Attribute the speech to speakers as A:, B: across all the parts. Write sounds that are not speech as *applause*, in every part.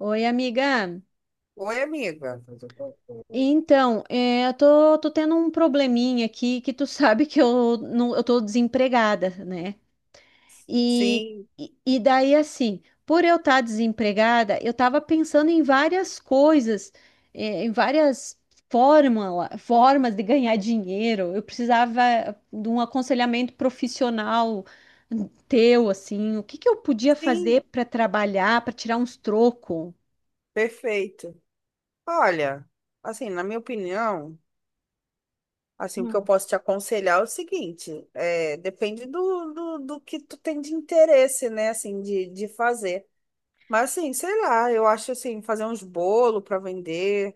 A: Oi, amiga.
B: Oi, amiga.
A: Então, eu tô tendo um probleminha aqui que tu *laughs* sabe que eu, não, eu tô desempregada, né? E,
B: Sim,
A: e daí, assim, por eu estar desempregada, eu tava pensando em várias coisas, em várias formas de ganhar dinheiro. Eu precisava de um aconselhamento profissional teu, assim, o que que eu podia
B: sim,
A: fazer para trabalhar, para tirar uns trocos?
B: perfeito. Olha, assim, na minha opinião, assim, o que eu posso te aconselhar é o seguinte, depende do que tu tem de interesse, né, assim, de fazer. Mas, assim, sei lá, eu acho, assim, fazer uns bolos para vender,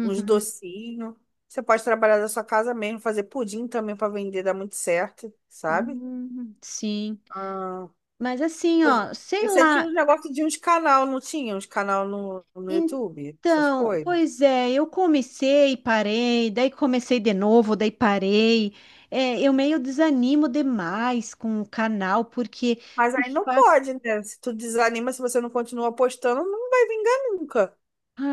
B: uns docinhos. Você pode trabalhar da sua casa mesmo, fazer pudim também para vender, dá muito certo, sabe?
A: Sim.
B: ah
A: Mas assim, ó, sei
B: Você tinha
A: lá.
B: um negócio de uns canal, não tinha? Uns canal no YouTube, essas
A: Então,
B: coisas.
A: pois é, eu comecei, parei, daí comecei de novo, daí parei. É, eu meio desanimo demais com o canal, porque
B: Mas aí não
A: faz.
B: pode, né? Se tu desanima, se você não continua postando, não vai vingar nunca.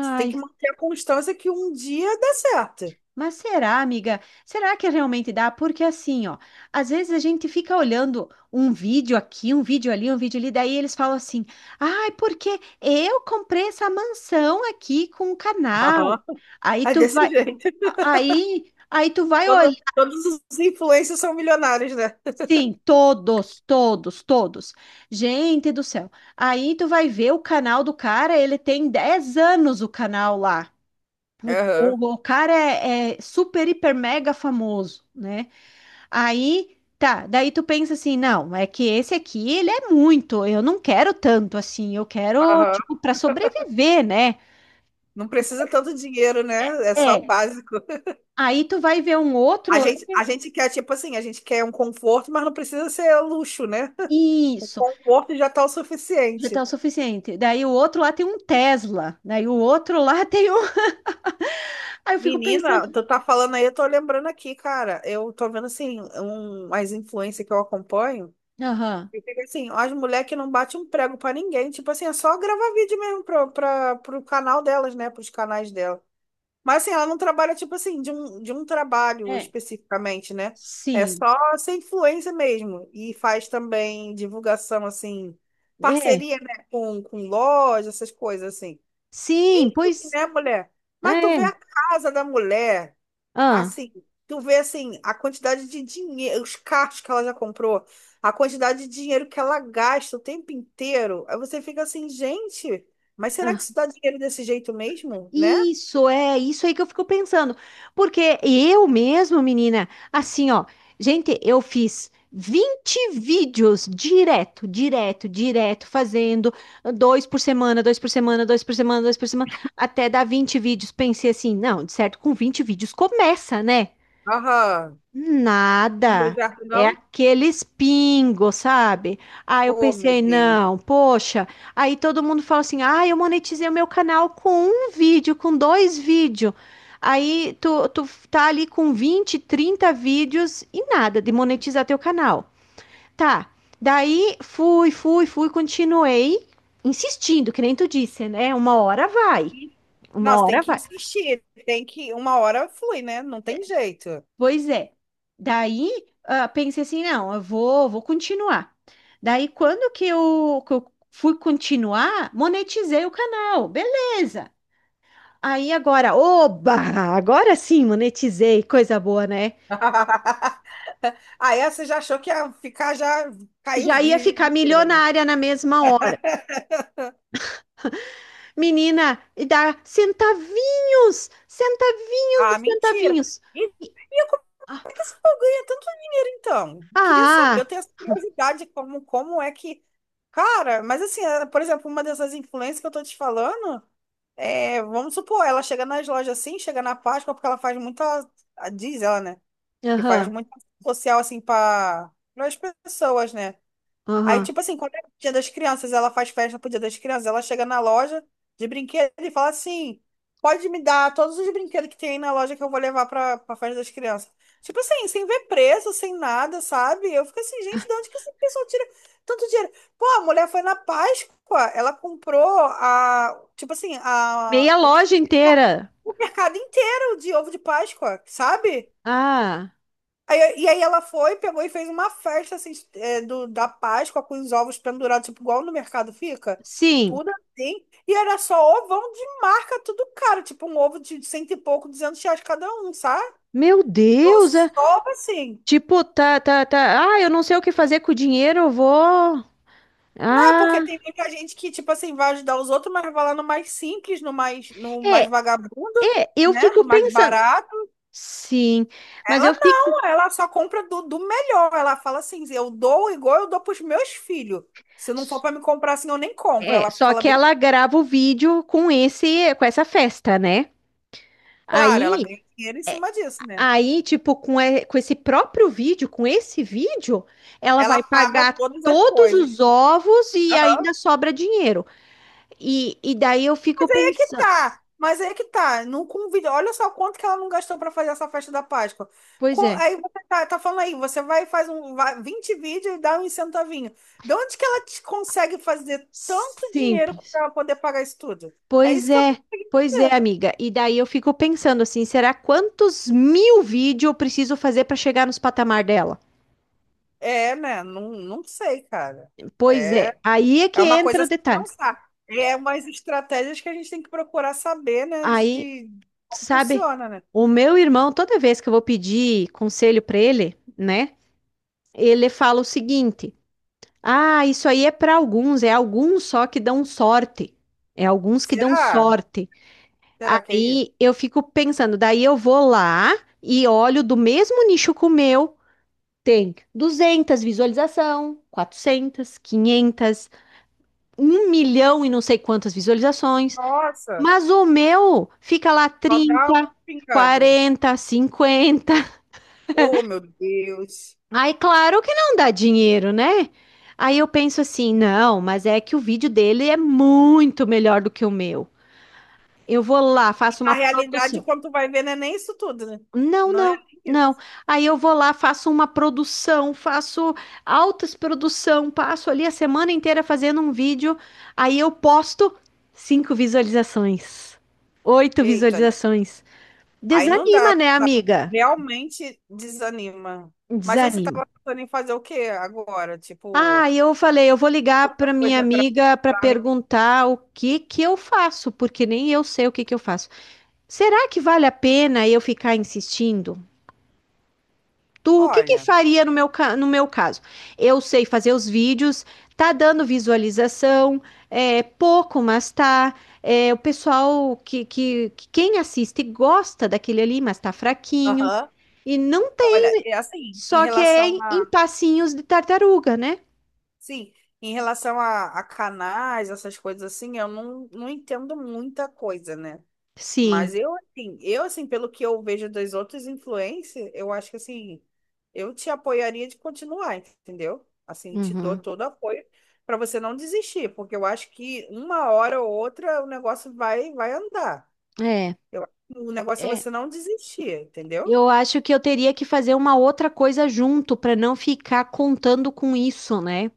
B: Você tem que manter a constância que um dia dá certo.
A: mas será, amiga? Será que realmente dá? Porque assim, ó, às vezes a gente fica olhando um vídeo aqui, um vídeo ali, daí eles falam assim: "Ai, porque eu comprei essa mansão aqui com o canal".
B: Aham. *laughs*
A: Aí
B: É
A: tu vai,
B: desse jeito.
A: aí tu vai olhar,
B: Todos os influencers são milionários, né?
A: sim, todos, todos, todos. Gente do céu. Aí tu vai ver o canal do cara, ele tem 10 anos o canal lá. O,
B: Aham.
A: o, o cara é, super, hiper, mega famoso, né? Aí, tá, daí tu pensa assim, não, é que esse aqui, ele é muito, eu não quero tanto assim, eu quero,
B: Aham.
A: tipo, para sobreviver, né?
B: Não precisa tanto dinheiro, né? É só o
A: É.
B: básico.
A: Aí tu vai ver um outro
B: A
A: lá,
B: gente, a gente quer, tipo assim, a gente quer um conforto, mas não precisa ser luxo, né? O
A: isso,
B: conforto já tá o
A: já
B: suficiente.
A: tá o suficiente. Daí o outro lá tem um Tesla, daí o outro lá tem um. *laughs* Aí eu fico pensando,
B: Menina, tu tá falando aí, eu tô lembrando aqui, cara. Eu tô vendo assim, as influências que eu acompanho.
A: aham,
B: E fica assim, ó, as mulheres que não batem um prego pra ninguém. Tipo assim, é só gravar vídeo mesmo pro canal delas, né? Pros canais dela. Mas assim, ela não trabalha, tipo assim, de um trabalho
A: é,
B: especificamente, né? É só
A: sim,
B: ser influência mesmo. E faz também divulgação, assim,
A: é,
B: parceria, né? Com loja, essas coisas assim.
A: sim, pois,
B: Né, mulher? Mas tu vê
A: é,
B: a casa da mulher.
A: ah,
B: Assim, tu vê assim, a quantidade de dinheiro, os carros que ela já comprou, a quantidade de dinheiro que ela gasta o tempo inteiro. Aí você fica assim, gente, mas será que
A: ah.
B: isso dá dinheiro desse jeito mesmo, né?
A: Isso é, isso aí que eu fico pensando. Porque eu mesmo, menina, assim, ó, gente, eu fiz 20 vídeos direto, direto, direto, fazendo 2 por semana, 2 por semana, 2 por semana, dois por semana, até dar 20 vídeos. Pensei assim, não, de certo, com 20 vídeos começa, né?
B: Aham. Não deu
A: Nada.
B: certo,
A: É
B: não?
A: aqueles pingos, sabe? Aí eu
B: Oh, meu
A: pensei,
B: Deus.
A: não, poxa. Aí todo mundo fala assim: ah, eu monetizei o meu canal com um vídeo, com dois vídeos. Aí tu tá ali com 20 30 vídeos e nada de monetizar teu canal. Tá. Daí fui, continuei insistindo, que nem tu disse, né? Uma hora vai.
B: E- Não, você
A: Uma
B: tem
A: hora
B: que
A: vai.
B: insistir, tem que, uma hora flui, né? Não tem jeito.
A: Pois é. Daí, ah, pensei assim, não, eu vou continuar. Daí, quando que eu fui continuar, monetizei o canal, beleza. Aí agora, oba, agora sim monetizei, coisa boa, né?
B: *laughs* Aí você já achou que ia ficar, já caiu os
A: Já ia
B: rios de
A: ficar
B: dinheiro, né?
A: milionária na mesma hora.
B: *laughs*
A: Menina, e dá centavinhos, centavinhos
B: Ah,
A: de
B: mentira.
A: centavinhos.
B: E, e É que esse povo ganha tanto dinheiro, então. Queria saber, eu
A: Ah,
B: tenho essa curiosidade, como é que. Cara, mas assim, por exemplo, uma dessas influências que eu tô te falando, vamos supor, ela chega nas lojas assim, chega na Páscoa, porque ela faz muita. Diz ela, né? Que faz
A: aham,
B: muito social assim para as pessoas, né? Aí,
A: aham.
B: tipo assim, quando é o Dia das Crianças, ela faz festa pro Dia das Crianças, ela chega na loja de brinquedo e fala assim: pode me dar todos os brinquedos que tem aí na loja que eu vou levar pra festa das crianças. Tipo assim, sem ver preço, sem nada, sabe? Eu fico assim, gente, de onde que essa pessoa tira tanto dinheiro? Pô, a mulher foi na Páscoa, ela comprou a, tipo assim,
A: Meia
B: a,
A: loja
B: merca-
A: inteira.
B: o mercado inteiro de ovo de Páscoa, sabe?
A: Ah,
B: E aí ela foi, pegou e fez uma festa assim, da Páscoa com os ovos pendurados, tipo, igual no mercado fica.
A: sim.
B: Tudo assim. E era só ovão de marca, tudo caro. Tipo, um ovo de cento e pouco, R$ 200 cada um, sabe?
A: Meu
B: Eu
A: Deus, é-
B: só assim.
A: Tipo, tá, tá, tá. Ah, eu não sei o que fazer com o dinheiro, eu vou.
B: Não é porque
A: Ah,
B: tem muita gente que, tipo assim, vai ajudar os outros, mas vai lá no mais simples, no
A: é,
B: mais vagabundo,
A: é, eu
B: né?
A: fico
B: No mais
A: pensando.
B: barato.
A: Sim, mas eu
B: Ela
A: fico.
B: não, ela só compra do melhor. Ela fala assim: eu dou igual eu dou para os meus filhos. Se não for para me comprar assim, eu nem compro.
A: É,
B: Ela
A: só
B: fala
A: que
B: bem
A: ela grava o vídeo com esse, com essa festa, né?
B: claro, ela
A: Aí,
B: ganha dinheiro em cima disso, né?
A: aí, tipo, com esse próprio vídeo, com esse vídeo, ela
B: Ela
A: vai
B: paga
A: pagar
B: todas as
A: todos
B: coisas.
A: os ovos e
B: Aham.
A: ainda sobra dinheiro. E daí eu fico
B: E
A: pensando,
B: tá, mas aí que tá. Não convide. Olha só quanto que ela não gastou para fazer essa festa da Páscoa.
A: pois é,
B: Aí você tá falando aí, você vai e faz um, vai, 20 vídeos e dá um centavinho. De onde que ela te consegue fazer tanto dinheiro
A: simples.
B: para poder pagar isso tudo? É
A: Pois
B: isso que eu
A: é,
B: não consigo
A: pois é,
B: entender.
A: amiga. E daí eu fico pensando assim, será quantos mil vídeos eu preciso fazer para chegar nos patamar dela?
B: É, né? Não, não sei, cara.
A: Pois é,
B: É,
A: aí é que
B: É uma coisa
A: entra
B: a
A: o
B: se
A: detalhe.
B: pensar. É umas estratégias que a gente tem que procurar saber, né?
A: Aí,
B: De como
A: sabe,
B: funciona, né?
A: o meu irmão, toda vez que eu vou pedir conselho para ele, né, ele fala o seguinte: ah, isso aí é para alguns, é alguns só que dão sorte. É alguns que dão
B: Será?
A: sorte.
B: Será que é isso?
A: Aí eu fico pensando, daí eu vou lá e olho do mesmo nicho que o meu tem 200 visualização, 400 500 1 milhão e não sei quantas visualizações,
B: Nossa,
A: mas o meu fica lá
B: só dá um
A: trinta
B: pingado.
A: quarenta cinquenta
B: Oh, meu Deus.
A: Aí, claro que não dá dinheiro, né? Aí eu penso assim, não, mas é que o vídeo dele é muito melhor do que o meu. Eu vou lá,
B: E
A: faço
B: na
A: uma
B: realidade,
A: produção.
B: quando tu vai ver, não é nem isso tudo, né?
A: Não,
B: Não é
A: não,
B: nem
A: não.
B: isso.
A: Aí eu vou lá, faço uma produção, faço altas produção, passo ali a semana inteira fazendo um vídeo, aí eu posto cinco visualizações, oito
B: Eita,
A: visualizações.
B: aí não dá,
A: Desanima, né,
B: tá?
A: amiga?
B: Realmente desanima. Mas aí você
A: Desanima.
B: tava pensando em fazer o quê agora? Tipo,
A: Ah, eu falei, eu vou ligar para minha
B: coisa pra
A: amiga para
B: lá.
A: perguntar o que que eu faço, porque nem eu sei o que que eu faço. Será que vale a pena eu ficar insistindo? Tu, o que que
B: Olha.
A: faria no meu caso? Eu sei fazer os vídeos, tá dando visualização, é pouco, mas tá. É, o pessoal que quem assiste gosta daquele ali, mas tá fraquinho.
B: Aham.
A: E não tem,
B: Olha, é assim, em
A: só que é
B: relação
A: em
B: a.
A: passinhos de tartaruga, né?
B: Sim, em relação a canais, essas coisas assim, eu não entendo muita coisa, né? Mas
A: Sim.
B: eu, assim, pelo que eu vejo das outras influências, eu acho que, assim, eu te apoiaria de continuar, entendeu? Assim, te dou
A: Uhum.
B: todo o apoio para você não desistir, porque eu acho que uma hora ou outra o negócio vai andar.
A: É,
B: Eu, o negócio é
A: é.
B: você não desistir, entendeu?
A: Eu acho que eu teria que fazer uma outra coisa junto para não ficar contando com isso, né?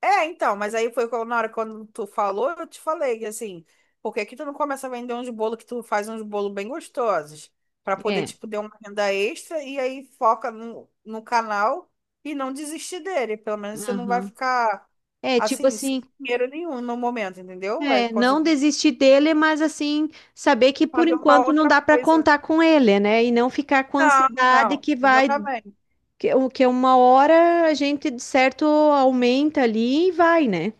B: É, então, mas aí foi na hora quando tu falou, eu te falei que assim, por que que tu não começa a vender uns bolos que tu faz uns bolos bem gostosos, pra poder,
A: É.
B: tipo, ter uma renda extra e aí foca no canal e não desistir dele. Pelo menos você não vai
A: Aham.
B: ficar,
A: É, tipo
B: assim, sem
A: assim.
B: dinheiro nenhum no momento, entendeu? Vai
A: É, não
B: conseguir
A: desistir dele, mas assim, saber que por
B: fazer uma
A: enquanto não
B: outra
A: dá para
B: coisa.
A: contar com ele, né? E não ficar com
B: Não,
A: ansiedade
B: não,
A: que vai,
B: exatamente.
A: que uma hora a gente de certo aumenta ali e vai, né?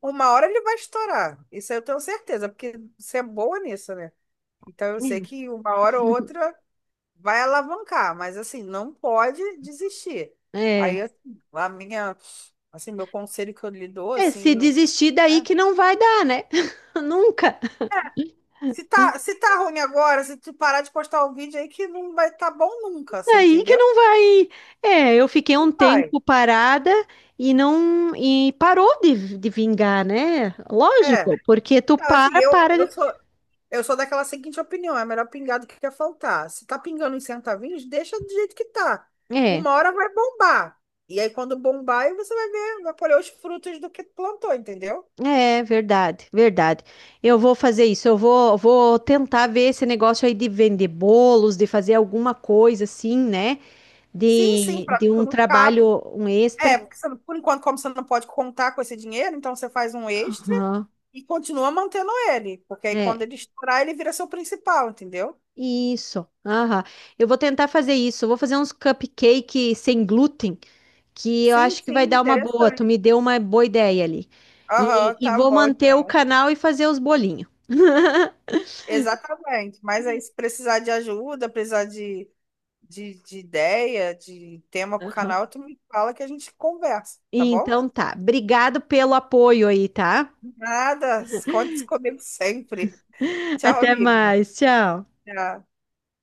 B: Uma hora ele vai estourar, isso eu tenho certeza, porque você é boa nisso, né? Então eu sei que uma hora ou outra, vai alavancar, mas assim, não pode desistir. Aí,
A: É,
B: assim, a minha, assim, meu conselho que eu lhe dou,
A: é,
B: assim,
A: se
B: né?
A: desistir daí
B: É,
A: que não vai dar, né? *laughs* Nunca.
B: Se tá ruim agora, se tu parar de postar o vídeo aí que não vai estar bom nunca, você
A: Daí que
B: entendeu?
A: não vai. É, eu fiquei um
B: Não vai.
A: tempo parada e não e parou de vingar, né?
B: É.
A: Lógico, porque tu
B: Então, assim,
A: para,
B: eu,
A: para.
B: eu sou, eu sou daquela seguinte opinião, é melhor pingar do que quer faltar. Se tá pingando em centavinhos, deixa do jeito que tá.
A: É.
B: Uma hora vai bombar. E aí, quando bombar, aí você vai ver, vai colher os frutos do que tu plantou, entendeu?
A: É verdade, verdade. Eu vou fazer isso. Eu vou tentar ver esse negócio aí de vender bolos, de fazer alguma coisa assim, né?
B: Sim, sim, para
A: De
B: tu
A: um
B: não ficar.
A: trabalho, um extra.
B: É, porque você por enquanto, como você não pode contar com esse dinheiro, então você faz um extra
A: Aham.
B: e continua mantendo ele. Porque aí
A: É,
B: quando ele estourar, ele vira seu principal, entendeu?
A: isso. Aham. Eu vou tentar fazer isso. Eu vou fazer uns cupcake sem glúten, que eu
B: Sim,
A: acho que vai
B: sim,
A: dar uma boa. Tu me
B: interessante.
A: deu uma boa ideia ali.
B: Aham,
A: E
B: tá
A: vou
B: bom,
A: manter o
B: então.
A: canal e fazer os bolinhos.
B: Exatamente. Mas aí, se precisar de ajuda, precisar de ideia, de tema pro canal, tu me fala que a gente conversa, tá bom?
A: Então tá. Obrigado pelo apoio aí, tá?
B: Nada, conte comigo sempre.
A: *laughs*
B: Tchau,
A: Até
B: amiga.
A: mais. Tchau.
B: Tchau.